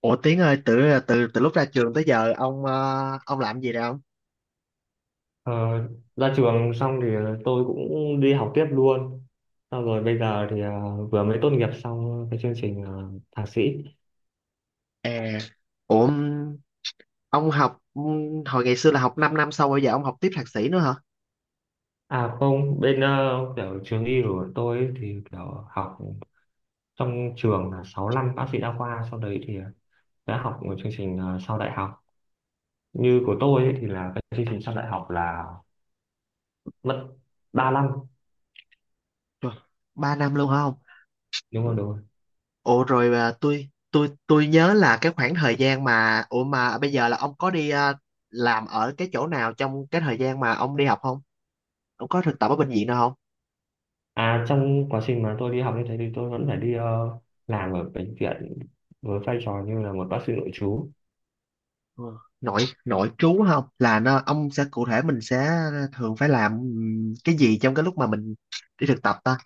Ủa Tiến ơi, từ từ từ lúc ra trường tới giờ ông làm gì rồi ông? Ờ, Ra trường xong thì tôi cũng đi học tiếp luôn. Xong rồi bây giờ thì vừa mới tốt nghiệp xong cái chương trình thạc sĩ. À, ủa ông học hồi ngày xưa là học 5 năm sau bây giờ ông học tiếp thạc sĩ nữa hả? À không, bên kiểu trường y của tôi ấy thì kiểu học trong trường là 6 năm bác sĩ đa khoa. Sau đấy thì đã học một chương trình sau đại học. Như của tôi ấy, thì là cái chương trình sau đại học là mất 3 năm. Trời, 3 năm luôn hả ông? Đúng rồi, đúng rồi. Ủa rồi, tôi nhớ là cái khoảng thời gian mà, ủa mà bây giờ là ông có đi làm ở cái chỗ nào trong cái thời gian mà ông đi học không? Ông có thực tập ở bệnh viện nào không? À, trong quá trình mà tôi đi học như thế thì tôi vẫn phải đi làm ở bệnh viện với vai trò như là một bác sĩ nội trú. Ừ. Nội nội trú không? Là nó ông sẽ cụ thể mình sẽ thường phải làm cái gì trong cái lúc mà mình đi thực tập ta?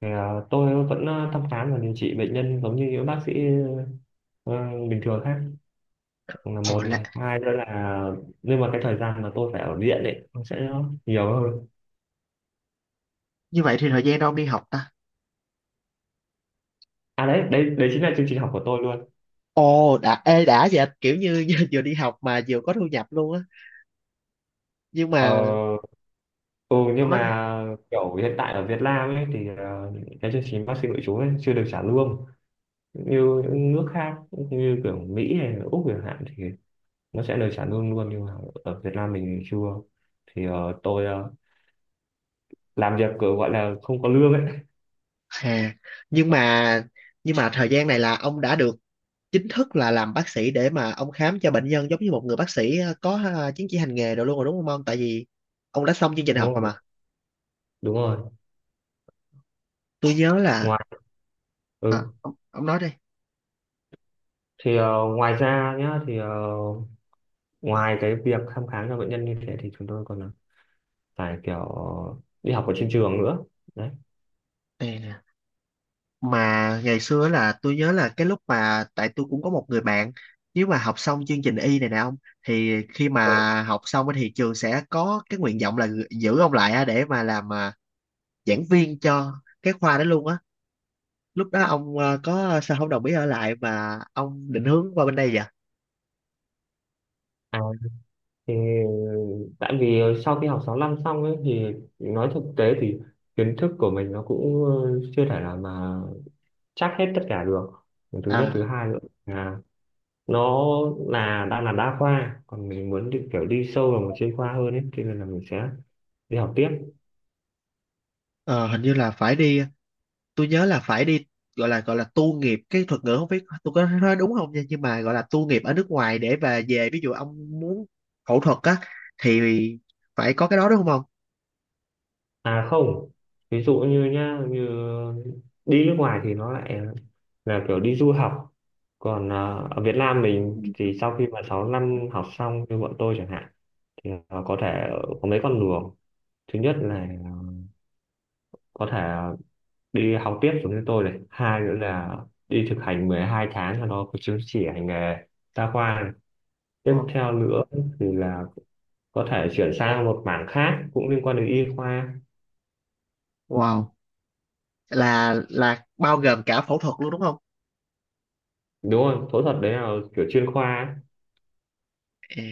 Thì, tôi vẫn thăm khám và điều trị bệnh nhân giống như những bác sĩ ờ, bình thường khác, là Ồ, một này. Hai nữa là, nhưng mà cái thời gian mà tôi phải ở viện ấy nó sẽ nhiều hơn. như vậy thì thời gian đâu ông đi học ta. À đấy, đấy chính là chương trình học của tôi luôn. Ồ, đã, ê, đã vậy kiểu như vừa đi học mà vừa có thu nhập luôn á. Nhưng Ờ, mà, ừ, ông nhưng nói đi. mà kiểu hiện tại ở Việt Nam ấy thì cái chương trình bác sĩ nội trú ấy chưa được trả lương như những nước khác như kiểu Mỹ hay là Úc chẳng hạn, thì nó sẽ lời trả lương luôn, nhưng mà ở Việt Nam mình chưa. Thì tôi làm việc kiểu gọi là không có lương ấy. Hà, nhưng mà, nhưng mà thời gian này là ông đã được chính thức là làm bác sĩ để mà ông khám cho bệnh nhân giống như một người bác sĩ, có chứng chỉ hành nghề rồi luôn rồi đúng không ông? Tại vì ông đã xong chương trình Đúng học rồi rồi, mà. đúng rồi. Tôi nhớ là. Ngoài, à, ừ, ông, ông nói đi. thì ngoài ra nhá, thì ngoài cái việc thăm khám cho bệnh nhân như thế thì chúng tôi còn phải kiểu đi học ở trên trường nữa, đấy. Nè, mà ngày xưa là tôi nhớ là cái lúc mà, tại tôi cũng có một người bạn, nếu mà học xong chương trình y này nè ông, thì khi Ừ. mà học xong á thì trường sẽ có cái nguyện vọng là giữ ông lại á để mà làm giảng viên cho cái khoa đó luôn á. Lúc đó ông có sao không đồng ý ở lại mà ông định hướng qua bên đây vậy? À, thì tại vì sau khi học 6 năm xong ấy thì nói thực tế thì kiến thức của mình nó cũng chưa thể nào mà chắc hết tất cả được. Thứ nhất, thứ à hai nữa là nó là đang là đa khoa, còn mình muốn đi kiểu đi sâu vào một chuyên khoa hơn ấy, cho nên là mình sẽ đi học tiếp. ờ, hình như là phải đi, tôi nhớ là phải đi, gọi là tu nghiệp, cái thuật ngữ không biết tôi có nói đúng không nha, nhưng mà gọi là tu nghiệp ở nước ngoài để và về. Ví dụ ông muốn phẫu thuật á, thì phải có cái đó đúng không ông? À không, ví dụ như nhá, như đi nước ngoài thì nó lại là kiểu đi du học, còn à, ở Việt Nam Ừ. mình thì sau khi mà 6 năm học xong như bọn tôi chẳng hạn thì à, có thể có mấy con đường. Thứ nhất là có thể đi học tiếp giống như tôi này, hai nữa là đi thực hành 12 tháng cho nó có chứng chỉ hành nghề đa khoa này. Tiếp Wow. theo nữa thì là có thể chuyển sang một mảng khác cũng liên quan đến y khoa. Wow. Là bao gồm cả phẫu thuật luôn đúng không? Đúng rồi, phẫu thuật đấy là kiểu chuyên khoa ấy. À,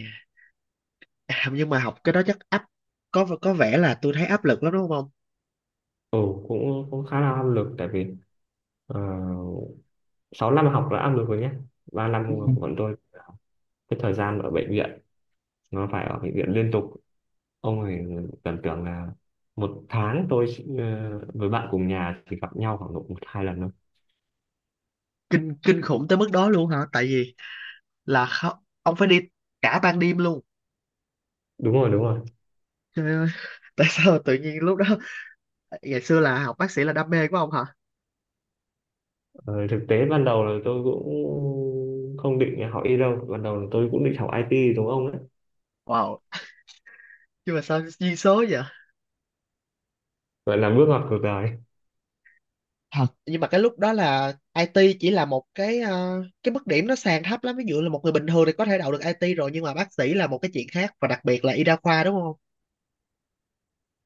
à, nhưng mà học cái đó chắc có vẻ là tôi thấy áp lực lắm đúng không ông? Ừ, cũng cũng khá là áp lực, tại vì uh, 6 năm học là áp lực rồi nhé, 3 năm Ừ. của bọn tôi cái thời gian ở bệnh viện nó phải ở bệnh viện liên tục. Ông ấy tưởng tượng là một tháng tôi chỉ- với bạn cùng nhà chỉ gặp nhau khoảng độ một hai lần thôi. Kinh kinh khủng tới mức đó luôn hả? Tại vì ông phải đi cả ban đêm luôn. Đúng rồi, đúng rồi. Trời ơi, tại sao tự nhiên lúc đó, ngày xưa là học bác sĩ là đam mê của ông hả? Ờ, thực tế ban đầu là tôi cũng không định học y đâu, ban đầu là tôi cũng định học IT đúng ông đấy. Wow, nhưng mà sao duyên số vậy? Vậy là bước ngoặt cuộc đời. Thật, nhưng mà cái lúc đó là IT chỉ là một cái, cái mức điểm nó sàn thấp lắm, ví dụ là một người bình thường thì có thể đậu được IT rồi, nhưng mà bác sĩ là một cái chuyện khác, và đặc biệt là y đa khoa đúng không?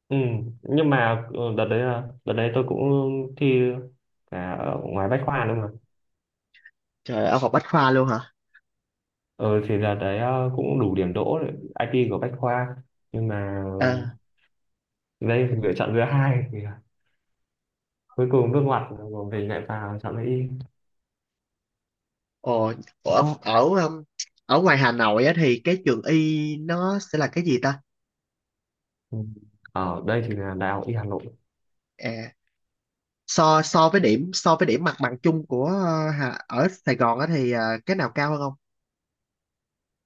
Ừ. Nhưng mà đợt đấy, đợt đấy tôi cũng thi cả ở ngoài bách khoa đúng không. Trời, ở học Bách khoa luôn hả? Ừ, thì đợt đấy cũng đủ điểm đỗ để IT của bách khoa, nhưng mà Ờ, đây lựa chọn thứ hai, thì là cuối cùng nước ngoặt của mình lại vào chọn lấy y. ồ, ở, ở ở ngoài Hà Nội á, thì cái trường y nó sẽ là cái gì ta? Ừ. Ở đây thì là đại học y Hà Nội. À, so so với điểm mặt bằng chung của, ở Sài Gòn á, thì cái nào cao hơn không?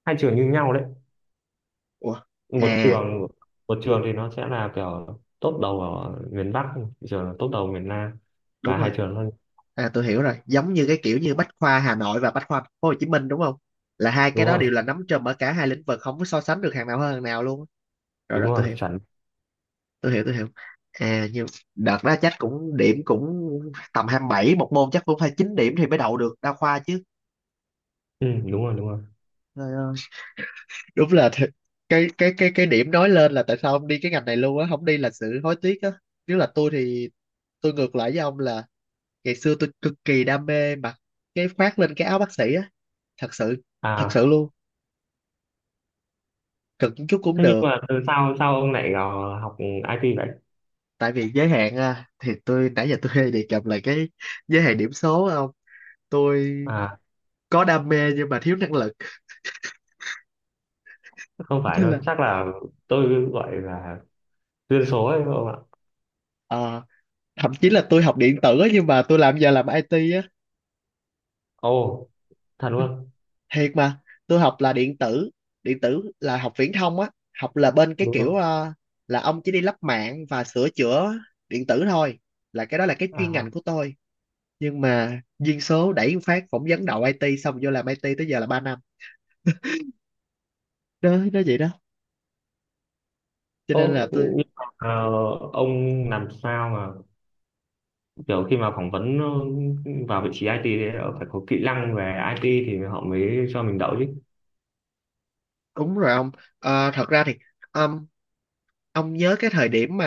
Hai trường như nhau đấy. Ủa, một à trường một trường thì nó sẽ là kiểu top đầu ở miền Bắc, một trường là top đầu miền Nam, đúng và hai rồi. trường thôi. À tôi hiểu rồi, giống như cái kiểu như Bách khoa Hà Nội và Bách khoa Thành phố Hồ Chí Minh đúng không? Là hai cái Đúng đó rồi, đều là nắm trùm ở cả hai lĩnh vực, không có so sánh được hàng nào hơn hàng nào luôn. Rồi đúng rồi, tôi rồi, hiểu, chuẩn. tôi hiểu, tôi hiểu. À nhưng đợt đó chắc cũng điểm cũng tầm 27 một môn, chắc cũng phải 9 điểm thì mới đậu được đa khoa chứ. Ừ, đúng rồi, đúng rồi. Trời ơi. Đúng là thiệt. Cái điểm nói lên là tại sao ông đi cái ngành này luôn á, không đi là sự hối tiếc á. Nếu là tôi thì tôi ngược lại với ông, là ngày xưa tôi cực kỳ đam mê mà cái khoác lên cái áo bác sĩ á, thật sự thật À, sự luôn. Cực một chút cũng thế nhưng được. mà từ sao sao ông lại vào học IT vậy? Tại vì giới hạn, thì tôi nãy giờ tôi hay đề cập là cái giới hạn điểm số á. Không, tôi À, có đam mê nhưng mà thiếu năng lực. không phải Nên đâu, là, chắc là tôi gọi là duyên số ấy không ạ. ờ, thậm chí là tôi học điện tử á, nhưng mà tôi làm giờ làm IT á. Ồ, thật luôn, Thiệt mà, tôi học là điện tử. Điện tử là học viễn thông á. Học là bên cái đúng không? kiểu, là ông chỉ đi lắp mạng và sửa chữa điện tử thôi, là cái đó là cái chuyên ngành À, của tôi. Nhưng mà duyên số đẩy một phát, phỏng vấn đậu IT xong vô làm IT tới giờ là 3 năm. Đó, nó vậy đó, cho nên là ố, tôi. nhưng mà ông làm sao mà kiểu khi mà phỏng vấn vào vị trí IT thì phải có kỹ năng về IT thì họ mới cho mình đậu chứ. Đúng rồi ông. Ờ, thật ra thì, um, ông nhớ cái thời điểm mà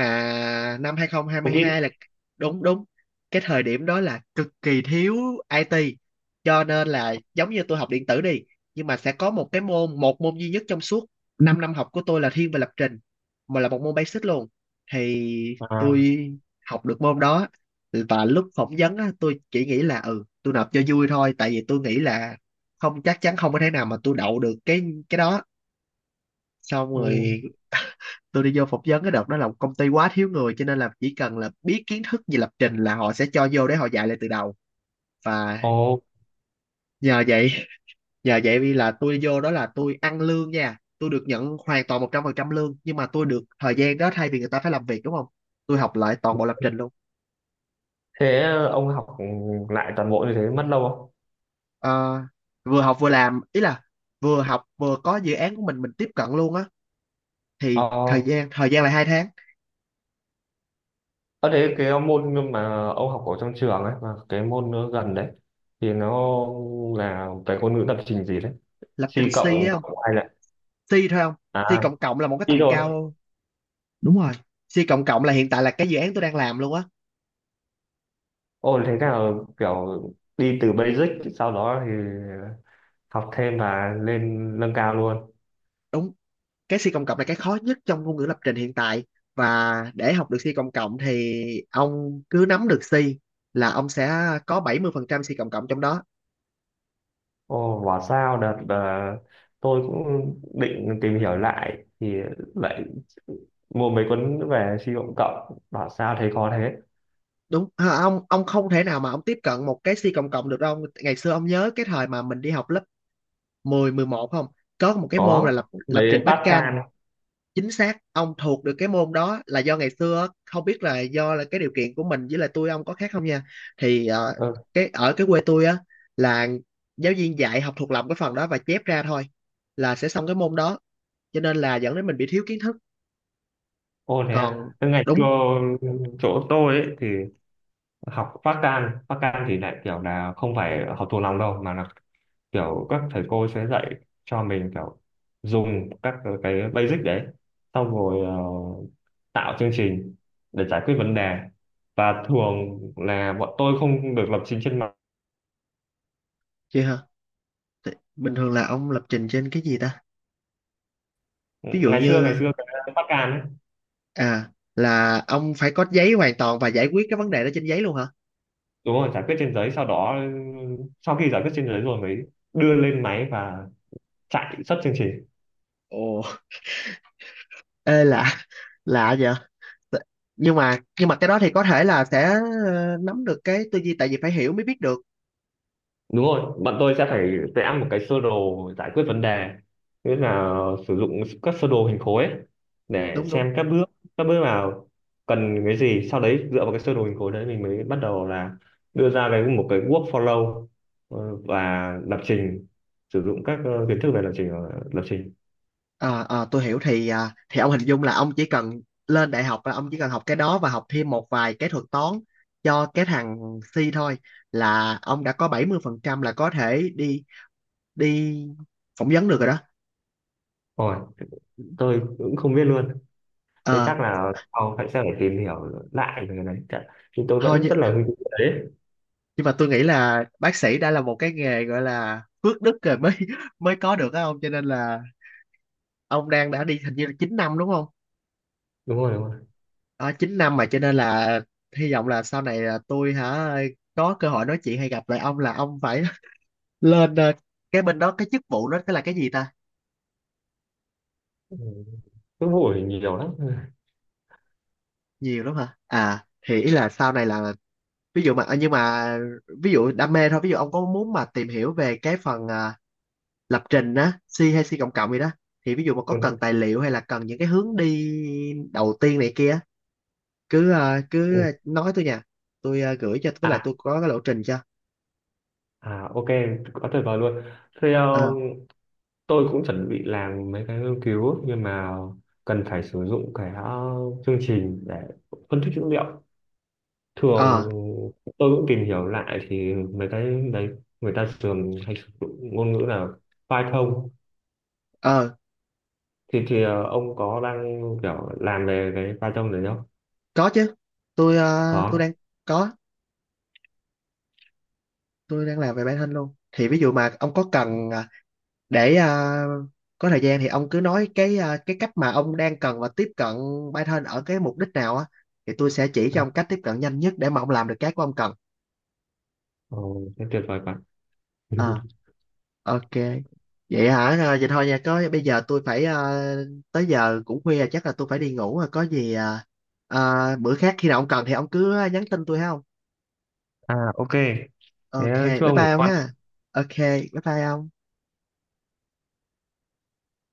năm hai không hai Không hai biết. là. Đúng đúng. Cái thời điểm đó là cực kỳ thiếu IT, cho nên là giống như tôi học điện tử đi, nhưng mà sẽ có một cái môn, một môn duy nhất trong suốt 5 năm học của tôi là thiên về lập trình, mà là một môn basic luôn, thì À, tôi học được môn đó. Và lúc phỏng vấn á, tôi chỉ nghĩ là, ừ, tôi nộp cho vui thôi, tại vì tôi nghĩ là không chắc chắn, không có thể nào mà tôi đậu được cái đó. Xong ừ. rồi tôi đi vô phỏng vấn, cái đợt đó là một công ty quá thiếu người, cho nên là chỉ cần là biết kiến thức về lập trình là họ sẽ cho vô để họ dạy lại từ đầu. Và Ồ, nhờ vậy nhờ vậy, vì là tôi vô đó là tôi ăn lương nha, tôi được nhận hoàn toàn 100% lương, nhưng mà tôi được thời gian đó thay vì người ta phải làm việc đúng không, tôi học lại toàn bộ lập trình luôn. thế ông học lại toàn bộ như thế mất lâu không? Ờ, vừa học vừa làm, ý là vừa học vừa có dự án của mình tiếp cận luôn á. Ờ, Thì thời gian là 2 tháng. ở thế cái môn mà ông học ở trong trường ấy, và cái môn nó gần đấy, thì nó là cái ngôn ngữ lập trình gì đấy? Lập trình C C cộng á không. cộng hai lại. C thôi không. C À, cộng cộng là một cái C tầm rồi. cao. Đúng rồi. C cộng cộng là hiện tại là cái dự án tôi đang làm luôn á. Ồ, thế nào, kiểu đi từ basic sau đó thì học thêm và lên nâng cao luôn. Đúng, cái C cộng cộng là cái khó nhất trong ngôn ngữ lập trình hiện tại, và để học được C cộng cộng thì ông cứ nắm được C là ông sẽ có 70% C cộng cộng trong đó. Ồ, bảo sao đợt tôi cũng định tìm hiểu lại thì lại mua mấy cuốn về suy luận cộng, bảo sao thấy khó thế. Đúng ông không thể nào mà ông tiếp cận một cái C cộng cộng được đâu. Ngày xưa ông nhớ cái thời mà mình đi học lớp mười, mười một không, có một cái môn Có là lập lập mấy trình backend. Pascal. Chính xác, ông thuộc được cái môn đó là do ngày xưa không biết là do là cái điều kiện của mình, với lại tôi ông có khác không nha. Thì, ờ, Ừ. cái ở cái quê tôi á, là giáo viên dạy học thuộc lòng cái phần đó và chép ra thôi là sẽ xong cái môn đó, cho nên là dẫn đến mình bị thiếu kiến thức. Ồ, thế à. Còn. Thế ngày xưa Đúng chỗ tôi ấy, thì học Pascal, Pascal thì lại kiểu là không phải học thuộc lòng đâu mà là kiểu các thầy cô sẽ dạy cho mình kiểu dùng các cái basic đấy, xong rồi tạo chương trình để giải quyết vấn đề, và thường là bọn tôi không được lập trình trên mặt. chị hả? Thì bình thường là ông lập trình trên cái gì ta? Ví dụ ngày xưa ngày như, xưa cái Bắc Can ấy. Là ông phải có giấy hoàn toàn và giải quyết cái vấn đề đó trên giấy luôn hả? Đúng rồi, giải quyết trên giấy, sau đó sau khi giải quyết trên giấy rồi mới đưa lên máy và chạy xuất chương trình. Ồ, ê lạ lạ vậy. T- nhưng mà cái đó thì có thể là sẽ nắm được cái tư duy, tại vì phải hiểu mới biết được. Đúng rồi, bọn tôi sẽ phải vẽ một cái sơ đồ giải quyết vấn đề, tức là sử dụng các sơ đồ hình khối ấy, để Đúng đúng. xem các bước, các bước nào cần cái gì, sau đấy dựa vào cái sơ đồ hình khối đấy mình mới bắt đầu là đưa ra cái một cái workflow, và lập trình sử dụng các kiến thức về lập trình lập trình Ờ, tôi hiểu, thì thì ông hình dung là ông chỉ cần lên đại học, là ông chỉ cần học cái đó và học thêm một vài cái thuật toán cho cái thằng C thôi, là ông đã có 70% là có thể đi đi phỏng vấn được rồi đó. rồi. Tôi cũng không biết luôn. Thế Ờ, chắc là sau phải sẽ phải tìm hiểu lại về cái này. Chắc- nhưng tôi Thôi, vẫn rất là hứng thú với đấy. nhưng mà tôi nghĩ là bác sĩ đã là một cái nghề gọi là phước đức rồi mới có được á ông, cho nên là ông đã đi hình như là 9 năm đúng không? Đúng rồi, đúng rồi. À, 9 năm mà, cho nên là hy vọng là sau này là tôi hả, có cơ hội nói chuyện hay gặp lại ông là ông phải lên, cái bên đó cái chức vụ đó cái là cái gì ta? Ừ, cứ hỏi nhiều lắm. Nhiều lắm hả? Thì ý là sau này là, ví dụ mà, nhưng mà ví dụ đam mê thôi, ví dụ ông có muốn mà tìm hiểu về cái phần, lập trình á, C hay C cộng cộng gì đó, thì ví dụ mà có Ừ. cần tài liệu hay là cần những cái hướng đi đầu tiên này kia, cứ Ừ. nói tôi nha. Tôi gửi cho, với lại À, tôi có cái lộ trình cho. à ok, quá tuyệt vời luôn. ờ Theo tôi cũng chuẩn bị làm mấy cái nghiên cứu nhưng mà cần phải sử dụng cái chương trình để phân tích dữ liệu. Thường ờ tôi cũng tìm hiểu lại thì mấy cái đấy người ta thường hay sử dụng ngôn ngữ là Python. ờ Thì ông có đang kiểu làm về cái Python đấy không? Có chứ. Tôi Có. Có, đang làm về bản thân luôn. Thì ví dụ mà ông có cần để có thời gian thì ông cứ nói cái cách mà ông đang cần và tiếp cận bản thân ở cái mục đích nào á, thì tôi sẽ chỉ cho À, ông cách tiếp cận nhanh nhất để mà ông làm được cái của ông cần. ồ, thế tuyệt vời quá. Ờ, ok. Vậy hả? À, vậy thôi nha. Có bây giờ tới giờ cũng khuya, chắc là tôi phải đi ngủ rồi. Có gì bữa khác khi nào ông cần thì ông cứ nhắn tin tôi ha ông. À, ok, thế Ok, chứ bye ông bye ông ha. Ok, bye bye ông.